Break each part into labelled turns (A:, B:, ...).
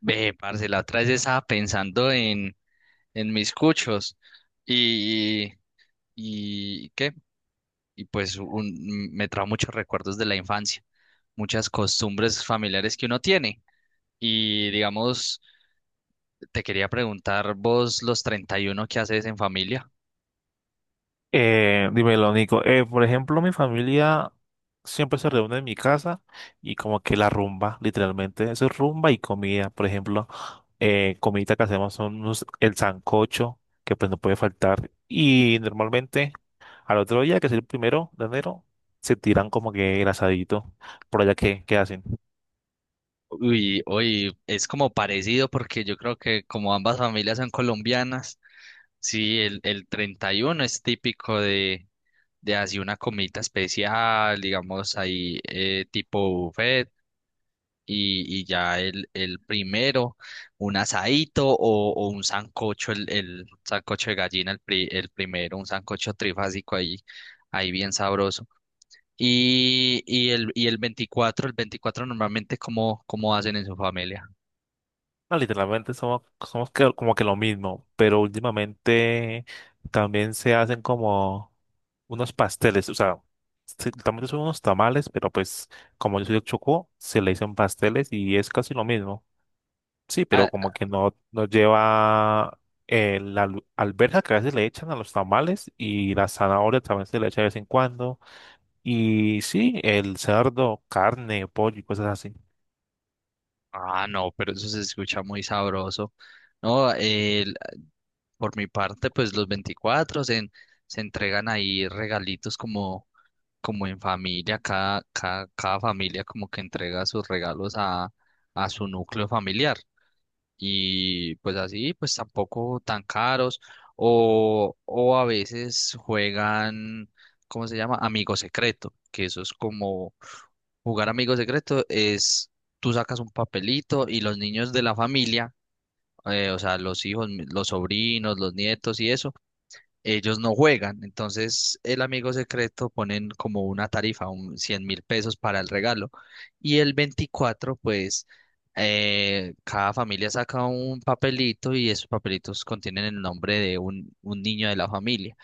A: Ve, parce, la otra vez estaba pensando en mis cuchos y, y ¿qué? Y pues me trajo muchos recuerdos de la infancia, muchas costumbres familiares que uno tiene. Y digamos, te quería preguntar vos los 31 que haces en familia.
B: Dímelo, Nico. Por ejemplo, mi familia siempre se reúne en mi casa y como que la rumba, literalmente. Eso es rumba y comida. Por ejemplo, comida que hacemos el sancocho, que pues no puede faltar. Y normalmente al otro día, que es el primero de enero, se tiran como que el asadito. Por allá, qué hacen?
A: Uy, hoy es como parecido porque yo creo que como ambas familias son colombianas, sí, el 31 es típico de así una comidita especial, digamos ahí tipo buffet y ya el primero un asadito o un sancocho, el sancocho de gallina, el primero, un sancocho trifásico ahí, ahí bien sabroso. Y el 24 normalmente, ¿cómo hacen en su familia?
B: No, literalmente somos como que lo mismo, pero últimamente también se hacen como unos pasteles, o sea, sí, también son unos tamales, pero pues como yo soy de Chocó, se le dicen pasteles y es casi lo mismo. Sí, pero
A: Ah,
B: como que no lleva la alberja que a veces le echan a los tamales y la zanahoria también se le echa de vez en cuando. Y sí, el cerdo, carne, pollo y cosas así.
A: ah, no, pero eso se escucha muy sabroso. No, por mi parte, pues los 24 se entregan ahí regalitos como en familia, cada familia como que entrega sus regalos a su núcleo familiar. Y pues así, pues tampoco tan caros, o a veces juegan, ¿cómo se llama? Amigo secreto, que eso es como jugar amigo secreto, es tú sacas un papelito y los niños de la familia, o sea, los hijos, los sobrinos, los nietos y eso, ellos no juegan. Entonces el amigo secreto ponen como una tarifa, un 100.000 pesos para el regalo. Y el 24 pues cada familia saca un papelito y esos papelitos contienen el nombre de un niño de la familia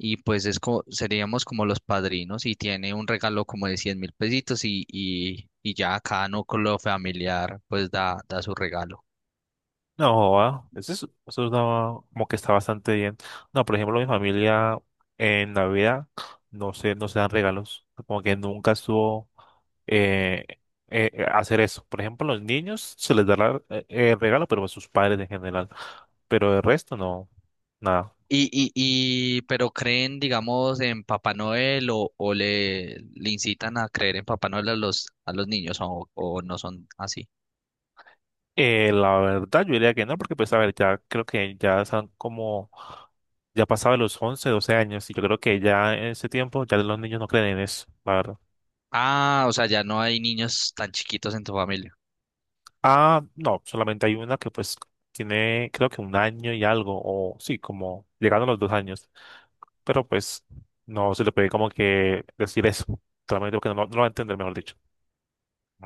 A: y pues es seríamos como los padrinos y tiene un regalo como de 100.000 pesitos y ya cada núcleo familiar pues da su regalo.
B: No, joda, eso, es- eso está- como que está bastante bien. No, por ejemplo, mi familia en Navidad no se dan regalos. Como que nunca estuvo eh, hacer eso. Por ejemplo, los niños se les da regalo, pero a sus padres en general. Pero el resto no, nada.
A: Y, pero creen, digamos, en Papá Noel o le incitan a creer en Papá Noel a los niños o no son así.
B: La verdad, yo diría que no, porque pues a ver, ya creo que ya están como, ya pasaba los 11 12 años, y yo creo que ya en ese tiempo ya los niños no creen en eso, la verdad.
A: Ah, o sea, ya no hay niños tan chiquitos en tu familia.
B: Ah, no, solamente hay una que pues tiene creo que un año y algo, o sí, como llegando a los 2 años, pero pues no se le puede como que decir eso, solamente porque no lo va a entender, mejor dicho.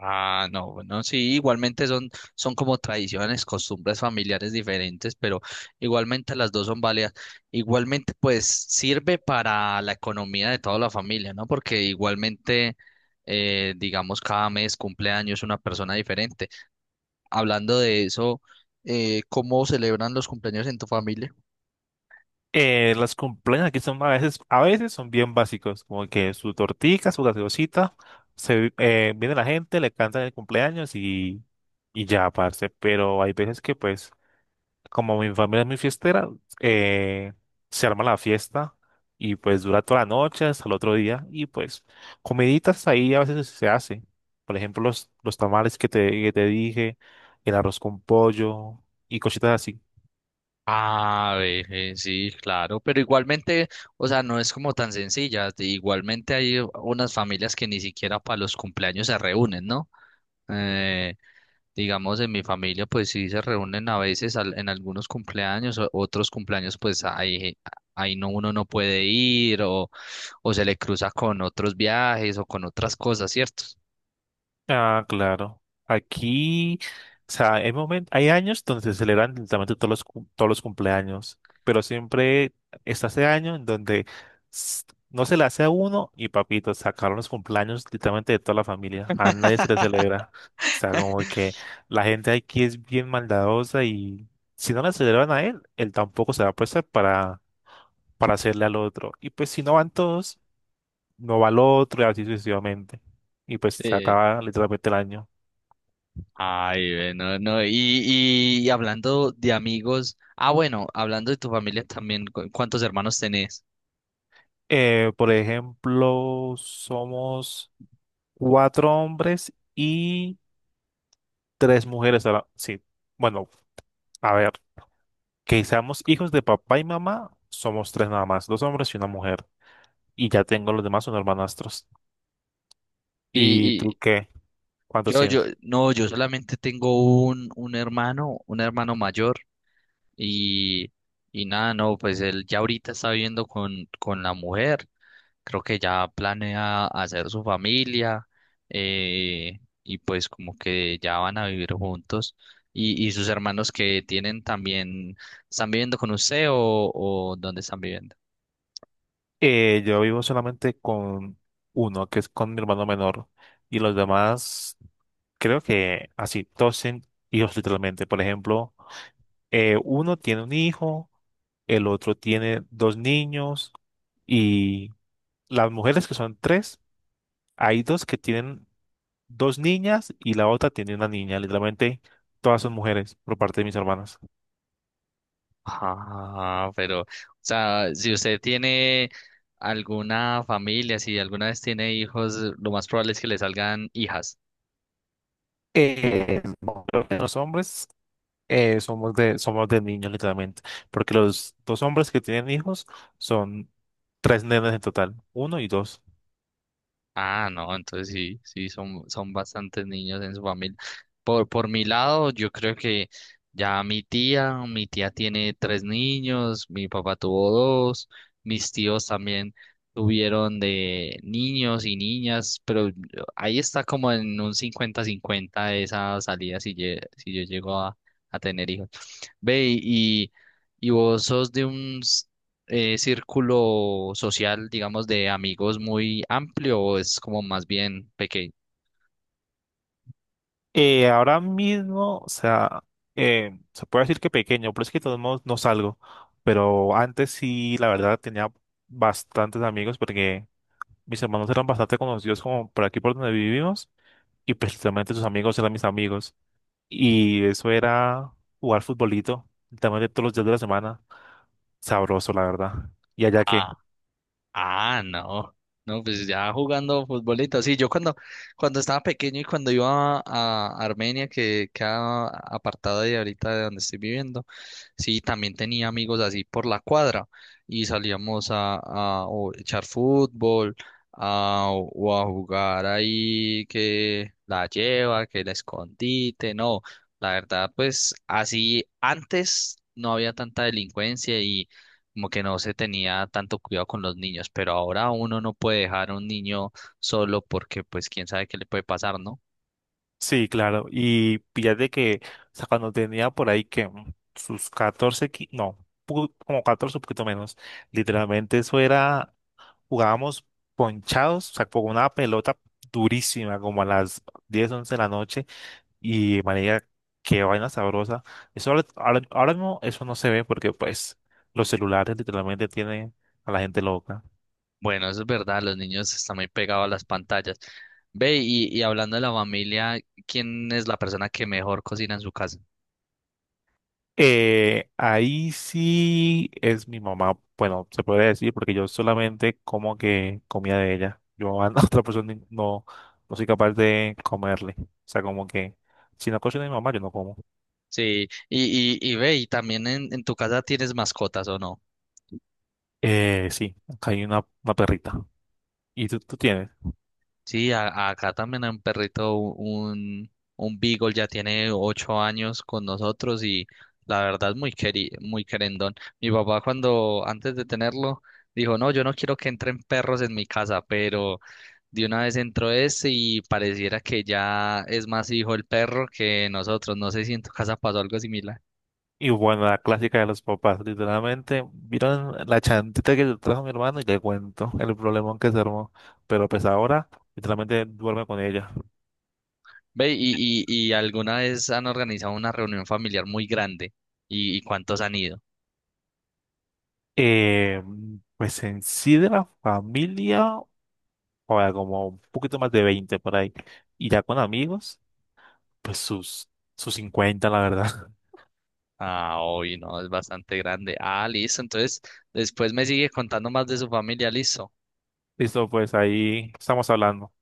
A: Ah, no, bueno, sí, igualmente son como tradiciones, costumbres familiares diferentes, pero igualmente las dos son válidas. Igualmente, pues sirve para la economía de toda la familia, ¿no? Porque igualmente, digamos, cada mes cumpleaños una persona diferente. Hablando de eso, ¿cómo celebran los cumpleaños en tu familia?
B: Las cumpleaños aquí son a veces son bien básicos, como que su tortica, su gaseosita, viene la gente, le cantan el cumpleaños y ya, parce, pero hay veces que pues como mi familia es muy fiestera, eh, se arma la fiesta y pues dura toda la noche hasta el otro día y pues comiditas ahí a veces se hace. Por ejemplo, los tamales que te dije, el arroz con pollo y cositas así.
A: Ah, ve, sí, claro, pero igualmente, o sea, no es como tan sencilla. Igualmente hay unas familias que ni siquiera para los cumpleaños se reúnen, ¿no? Eh, digamos, en mi familia, pues sí se reúnen a veces en algunos cumpleaños, otros cumpleaños, pues ahí, ahí no, uno no puede ir o se le cruza con otros viajes o con otras cosas, ¿cierto?
B: Ah, claro. Aquí, o sea, hay hay años donde se celebran literalmente todos los cumpleaños, pero siempre está ese año en donde s- no se le hace a uno y papito, sacaron los cumpleaños literalmente de toda la familia. A nadie se le celebra. O sea, como que la gente aquí es bien maldadosa y si no le celebran a él, él tampoco se va a prestar para hacerle al otro. Y pues si no van todos, no va al otro y así sucesivamente. Y pues se
A: Sí.
B: acaba literalmente el año.
A: Ay, ve, no, no, y hablando de amigos, ah, bueno, hablando de tu familia también, ¿cuántos hermanos tenés?
B: Por ejemplo, somos cuatro hombres y tres mujeres. Ahora, sí, bueno, a ver, que seamos hijos de papá y mamá, somos tres nada más, dos hombres y una mujer. Y ya tengo los demás, son hermanastros.
A: Y,
B: ¿Y tú
A: y
B: qué? ¿Cuántos
A: yo, yo,
B: tienes?
A: no, yo solamente tengo un hermano, un hermano mayor. Y, y nada, no, pues él ya ahorita está viviendo con la mujer, creo que ya planea hacer su familia, y pues como que ya van a vivir juntos. Y sus hermanos que tienen también, ¿están viviendo con usted o dónde están viviendo?
B: Yo vivo solamente con uno, que es con mi hermano menor. Y los demás, creo que así, todos tienen hijos literalmente. Por ejemplo, uno tiene un hijo, el otro tiene dos niños. Y las mujeres que son tres, hay dos que tienen dos niñas y la otra tiene una niña. Literalmente todas son mujeres por parte de mis hermanas.
A: Ah, pero, o sea, si usted tiene alguna familia, si alguna vez tiene hijos, lo más probable es que le salgan hijas.
B: Eh, bueno, los hombres somos de niños, literalmente. Porque los dos hombres que tienen hijos son tres nenes en total, uno y dos.
A: Ah, no, entonces sí, sí, son bastantes niños en su familia. Por mi lado, yo creo que ya mi tía tiene tres niños, mi papá tuvo dos, mis tíos también tuvieron de niños y niñas, pero ahí está como en un 50-50 esa salida si yo llego a tener hijos. Ve, y vos sos de un, círculo social, digamos, de amigos muy amplio o es como más bien pequeño?
B: Ahora mismo, o sea, se puede decir que pequeño, pero es que de todos modos no salgo. Pero antes sí, la verdad, tenía bastantes amigos porque mis hermanos eran bastante conocidos como por aquí por donde vivimos y precisamente sus amigos eran mis amigos. Y eso era jugar futbolito, literalmente todos los días de la semana. Sabroso, la verdad. ¿Y allá qué?
A: Ah, no. No, pues ya jugando futbolito. Sí, yo cuando estaba pequeño y cuando iba a Armenia, que queda apartada de ahorita de donde estoy viviendo, sí, también tenía amigos así por la cuadra y salíamos a o echar fútbol a, o a jugar ahí que la lleva, que la escondite. No, la verdad, pues así antes no había tanta delincuencia y como que no se tenía tanto cuidado con los niños, pero ahora uno no puede dejar a un niño solo porque pues quién sabe qué le puede pasar, ¿no?
B: Sí, claro. Y de que, o sea, cuando tenía por ahí que sus 14 no, como 14 un poquito menos. Literalmente eso era, jugábamos ponchados, o sea, con una pelota durísima, como a las 10 11 de la noche. Y marica, qué vaina sabrosa. Eso ahora mismo eso no se ve porque pues los celulares literalmente tienen a la gente loca.
A: Bueno, eso es verdad, los niños están muy pegados a las pantallas. Ve, y hablando de la familia, ¿quién es la persona que mejor cocina en su casa?
B: Ahí sí es mi mamá, bueno, se puede decir porque yo solamente como que comía de ella. Yo a otra persona no, no soy capaz de comerle. O sea, como que si no cocina mi mamá, yo no como.
A: Sí, y ve, y también en tu casa tienes mascotas, ¿o no?
B: Sí, acá hay una perrita. ¿Y tú tienes?
A: Sí, acá también hay un perrito, un Beagle ya tiene 8 años con nosotros y la verdad es muy querendón. Mi papá cuando antes de tenerlo dijo, no, yo no quiero que entren perros en mi casa, pero de una vez entró ese y pareciera que ya es más hijo el perro que nosotros. No sé si en tu casa pasó algo similar.
B: Y bueno, la clásica de los papás, literalmente, vieron la chantita que le trajo mi hermano y le cuento el problemón que se armó. Pero pues ahora, literalmente duerme con ella.
A: Ve, y alguna vez han organizado una reunión familiar muy grande y ¿cuántos han ido?
B: Eh, pues en sí de la familia. O sea como un poquito más de 20 por ahí. Y ya con amigos, pues sus 50 la verdad.
A: Ah, hoy no, es bastante grande. Ah, listo. Entonces, después me sigue contando más de su familia, listo.
B: Listo, pues ahí estamos hablando.